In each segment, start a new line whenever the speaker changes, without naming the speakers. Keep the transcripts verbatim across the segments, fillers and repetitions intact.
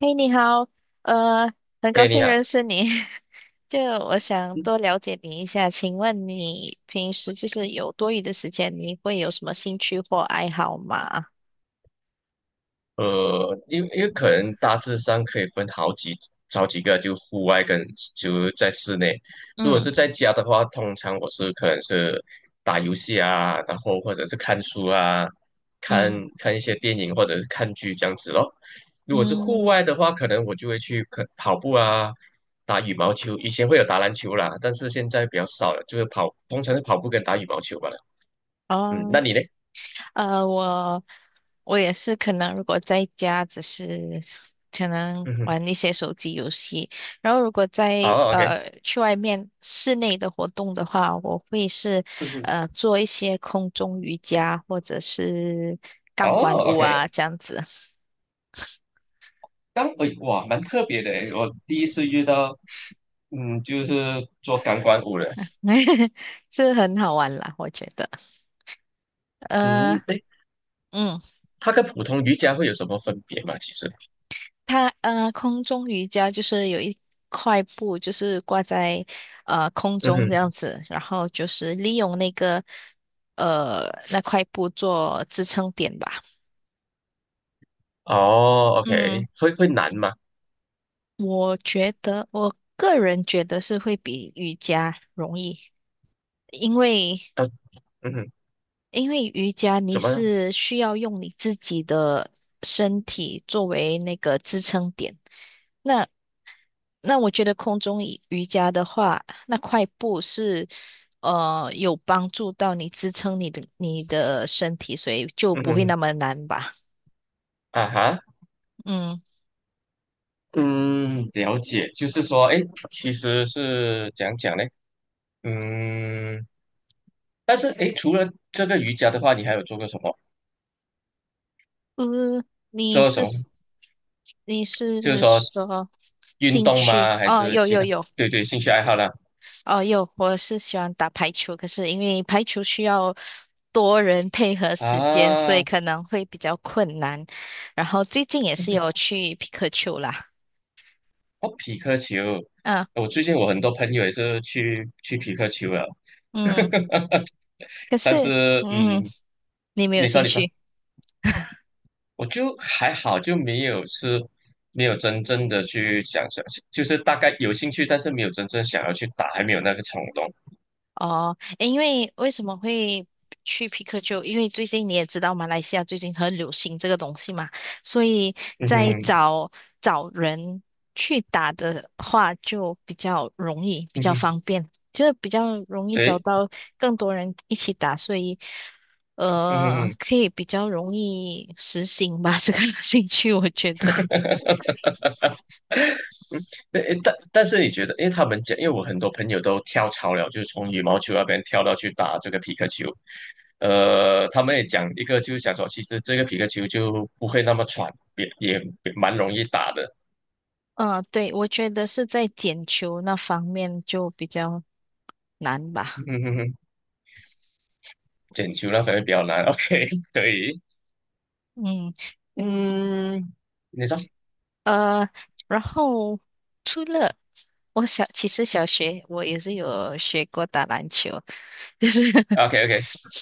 嘿，你好，呃，很高
哎，你
兴
好。
认识你。就我想多了解你一下，请问你平时就是有多余的时间，你会有什么兴趣或爱好吗？
呃，因为因为可能大致上可以分好几好几个，就户外跟就在室内。如果
嗯
是在家的话，通常我是可能是打游戏啊，然后或者是看书啊，看
嗯
看一些电影或者是看剧这样子咯。如果是户
嗯，
外的话，可能我就会去可跑步啊，打羽毛球。以前会有打篮球啦，但是现在比较少了，就是跑，通常是跑步跟打羽毛球罢了。嗯，那
哦。
你呢？
呃，我我也是，可能如果在家只是可能
嗯哼。
玩一些手机游戏，然后如果在
哦，OK。
呃去外面室内的活动的话，我会是
嗯哼。
呃做一些空中瑜伽或者是钢管
哦
舞
，OK，
啊这样子，
刚哎哇，蛮特别的诶，我第一次遇到，嗯，就是做钢管舞的。
是很好玩啦，我觉得。呃，
嗯，哎，
嗯。
它跟普通瑜伽会有什么分别吗？其实，
它呃，空中瑜伽就是有一块布，就是挂在呃空
嗯
中这样
哼。
子，然后就是利用那个呃那块布做支撑点吧。
哦，OK，
嗯，
会会难吗？
我觉得我个人觉得是会比瑜伽容易，因为
啊，嗯哼，
因为瑜伽你
怎么，
是需要用你自己的身体作为那个支撑点。那那我觉得空中瑜瑜伽的话，那块布是呃有帮助到你支撑你的你的身体，所以就
嗯
不会
哼，
那么难吧？
啊哈。
嗯，
嗯，了解，就是说，哎，其实是讲讲呢。嗯，但是哎，诶除了这个瑜伽的话，你还有做过什么？
呃，你
做过什
是
么？
你是
就是说
说
运
兴
动
趣？
吗？还
哦，
是
有
其
有
他？
有，
对对，兴趣爱好啦。
哦有，我是喜欢打排球，可是因为排球需要多人配合时间，所以
啊，
可能会比较困难。然后最近也是有去皮克球啦，
哦，匹克球，
嗯
我最近我很多朋友也是去去匹克球了。
嗯，可
但
是。
是
嗯，
嗯，
你没有
你说
兴
你说，
趣
我就还好，就没有是没有真正的去想想，就是大概有兴趣，但是没有真正想要去打，还没有那个冲动。
哦？诶，因为为什么会去皮克球？因为最近你也知道，马来西亚最近很流行这个东西嘛，所以
嗯
在
哼，
找找人去打的话，就比较容易，比
嗯
较
哼，
方便，就是比较容易找
对，
到更多人一起打，所以
嗯哼嗯
呃，
哼。
可以比较容易实行吧，这个 兴趣，我觉得。
嗯，但诶但但是你觉得，因为他们讲，因为我很多朋友都跳槽了，就是从羽毛球那边跳到去打这个皮克球。呃，他们也讲一个，就是讲说，其实这个皮克球就不会那么喘，也也也蛮容易打的。
嗯，对，我觉得是在捡球那方面就比较难
嗯
吧。
哼哼，捡球那可能比较难。OK，可以，
嗯。
你说
呃，然后除了我小，其实小学我也是有学过打篮球，就是
，OK OK，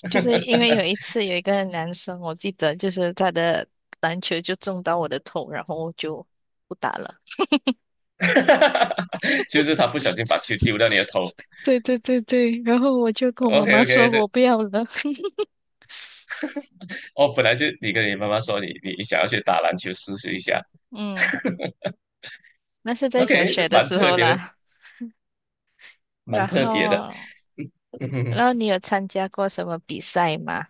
就是因为有一次有一个男生，我记得就是他的篮球就中到我的头，然后我就不打了。
就是他不小心把球丢到你的头。
对对对对，然后我就跟我妈
OK
妈
OK，
说
这
我不要了。
哦，本来就你跟你妈妈说你你想要去打篮球试试一下
嗯，那是在小
，OK，这
学的
蛮
时
特
候
别的，
啦。
蛮
然
特别的。
后，
嗯哼
然
哼，
后你有参加过什么比赛吗？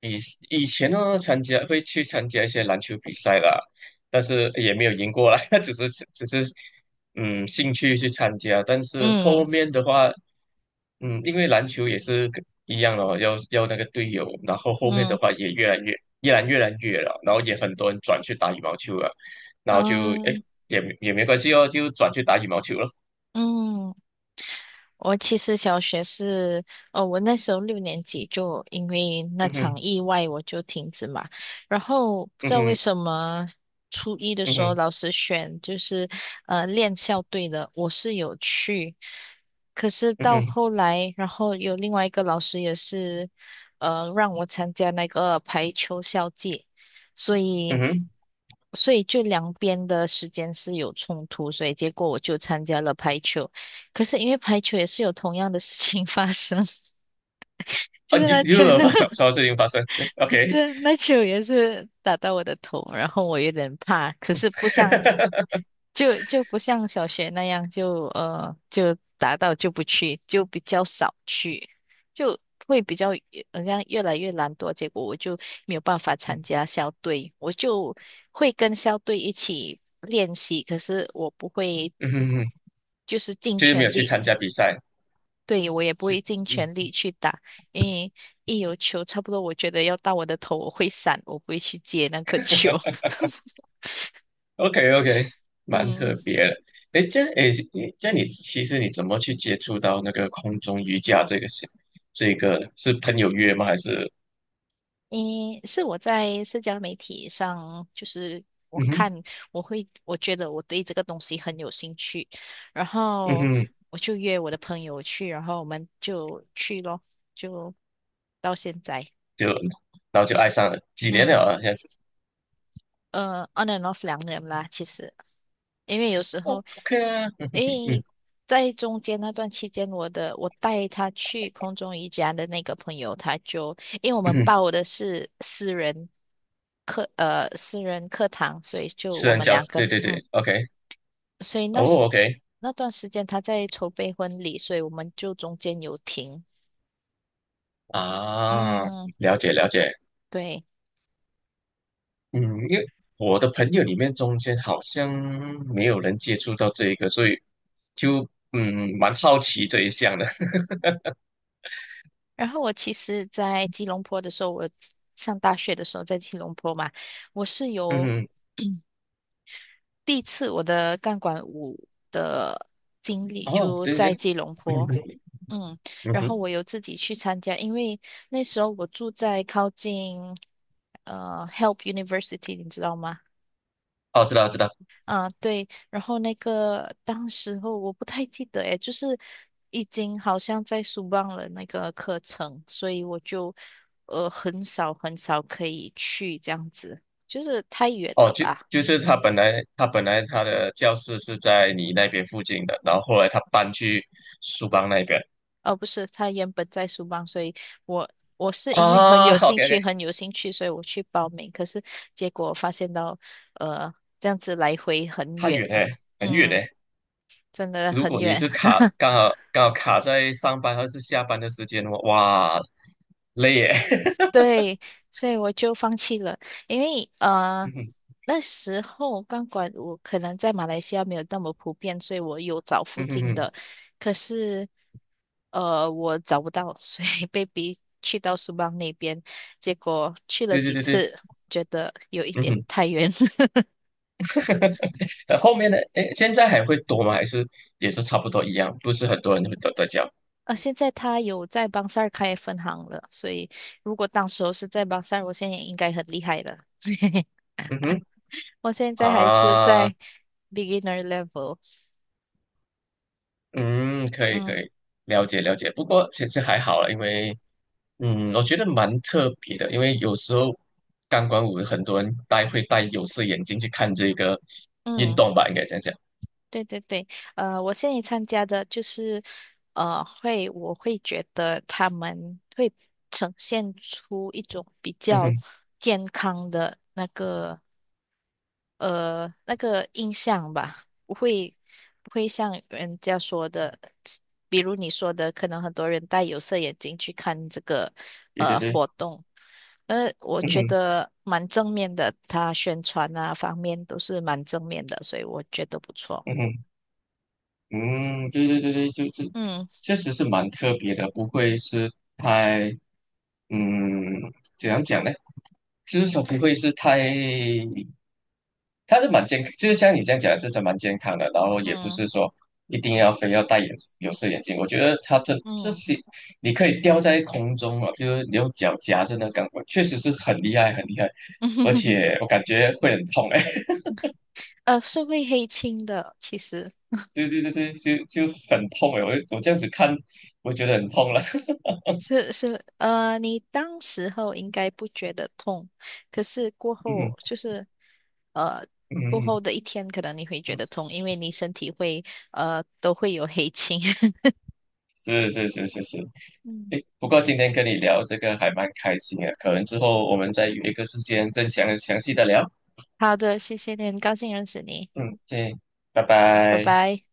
以以前呢，参加会去参加一些篮球比赛啦，但是也没有赢过啦，只是只是嗯兴趣去参加。但是
嗯
后面的话，嗯，因为篮球也是跟一样哦，要要那个队友，然后后面的
嗯
话也越来越越来越来越了，然后也很多人转去打羽毛球了，然后就哎
嗯
也没也没关系哦，就转去打羽毛球了。
嗯。我其实小学是，哦，我那时候六年级就因为那
嗯哼，
场意外我就停止嘛，然后不知
嗯
道为
哼，
什么初一的
嗯
时候
哼，
老师选就是呃练校队的，我是有去，可是
嗯
到
哼，
后来，然后有另外一个老师也是呃让我参加那个排球校际，所
嗯
以。
哼，
所以就两边的时间是有冲突，所以结果我就参加了排球。可是因为排球也是有同样的事情发生，就
啊，
是
又
那球，
又有发生什 么事情发生？对
就
，OK。
是那球也是打到我的头，然后我有点怕，可是不像 就就不像小学那样就呃就打到就不去，就比较少去，就会比较好像越来越懒惰，结果我就没有办法参加校队，我就会跟校队一起练习，可是我不会
嗯哼嗯哼，
就是尽
就是没
全
有去
力。
参加比赛，
对，我也不
是
会尽全力去打，因为一有球，差不多我觉得要到我的头，我会闪，我不会去接那颗球。
，OK OK，蛮
嗯，
特别的。哎，这哎，你这你其实你怎么去接触到那个空中瑜伽，这个是这个是朋友约吗？还是
因是我在社交媒体上，就是我
嗯哼
看，我会，我觉得我对这个东西很有兴趣，然
嗯
后
哼，
我就约我的朋友去，然后我们就去咯，就到现在，
就然后就爱上了，几年了
嗯，
啊，这样子。
呃，on and off 两年啦，其实。因为有时
哦
候，
，OK 啊。嗯，
诶，在中间那段期间，我的我带他去空中瑜伽的那个朋友，他就因为我
嗯
们
哼，
报的是私人课，呃，私人课堂，所以就
私
我
人
们
教，
两个，
对对
嗯，
对，OK。
所以那
哦
时
，OK
那段时间他在筹备婚礼，所以我们就中间有停，
啊，
嗯，
了解了解。
对。
嗯，因为我的朋友里面中间好像没有人接触到这一个，所以就嗯蛮好奇这一项的。
然后我其实，在吉隆坡的时候，我上大学的时候在吉隆坡嘛，我是 有。
嗯，
第一次我的钢管舞的经历
哦，
就
对对，
在吉隆坡，
对，
嗯，
嗯
然后
哼。
我有自己去参加，因为那时候我住在靠近呃 Help University，你知道吗？
哦，知道知道。
啊，对，然后那个当时候我不太记得诶，就是已经好像在书忘了那个课程，所以我就呃很少很少可以去这样子，就是太远
哦，
了
就
吧。
就是他本来他本来他的教室是在你那边附近的，然后后来他搬去苏邦那边。
哦，不是，他原本在书邦，所以我我是因为很
啊
有兴
，OK OK，
趣，很有兴趣，所以我去报名。可是结果发现到，呃，这样子来回很
太
远
远
啊
嘞，很远
嗯，
嘞。
真的
如
很
果你
远。
是卡 刚好刚好卡在上班还是下班的时间的话，哇，累耶。
对，所以我就放弃了，因为呃
嗯哼
那时候钢管我可能在马来西亚没有那么普遍，所以我有找附
嗯
近
哼，
的，可是呃我找不到，所以 被逼去到苏邦那边，结果去了
对对
几
对对，
次，觉得有一
嗯
点
哼。
太远。
呃，后面的诶，现在还会多吗？还是也是差不多一样？不是很多人会都在教。
呃，现在他有在邦塞尔开分行了，所以如果当时候是在邦塞尔我现在也应该很厉害了。
嗯哼，
我现在还是
啊，
在 beginner level。
嗯，可以可
嗯。
以，了解了解。不过其实还好了，因为嗯，我觉得蛮特别的，因为有时候钢管舞很多人戴会戴有色眼镜去看这个运
嗯，
动吧，应该这样讲。
对对对，呃，我现在参加的就是，呃，会我会觉得他们会呈现出一种比
嗯
较
哼，
健康的那个呃那个印象吧，不会不会像人家说的，比如你说的，可能很多人戴有色眼镜去看这个
对对
呃
对，
活动，呃，我
嗯
觉
哼
得蛮正面的，他宣传啊方面都是蛮正面的，所以我觉得不错。
嗯哼。嗯，对对对对，就是
嗯
确实是蛮特别的，不会是太，嗯，怎样讲呢？就是说不会是太，它是蛮健康，就是像你这样讲，就是蛮健康的，然后也不
嗯
是说一定要非要戴眼有色眼镜，我觉得它这这
嗯，
些你可以吊在空中啊，就是你用脚夹着那钢管，确实是很厉害很厉害，而且 我感觉会很痛哎、
呃，是会黑青的，其实
对对对对，就就很痛哎、我我这样子看，我觉得很痛了。
是是呃，你当时候应该不觉得痛，可是过
嗯
后
哼
就是呃，
嗯
过后
哼
的一天可能你会觉得痛，
嗯，
因为你身体会呃都会有黑青。
是是是是是，
嗯，
诶，不过今天跟你聊这个还蛮开心的，可能之后我们再约一个时间再详详细的聊。
好的，谢谢你，很高兴认识你，
嗯，对，拜
拜
拜。
拜。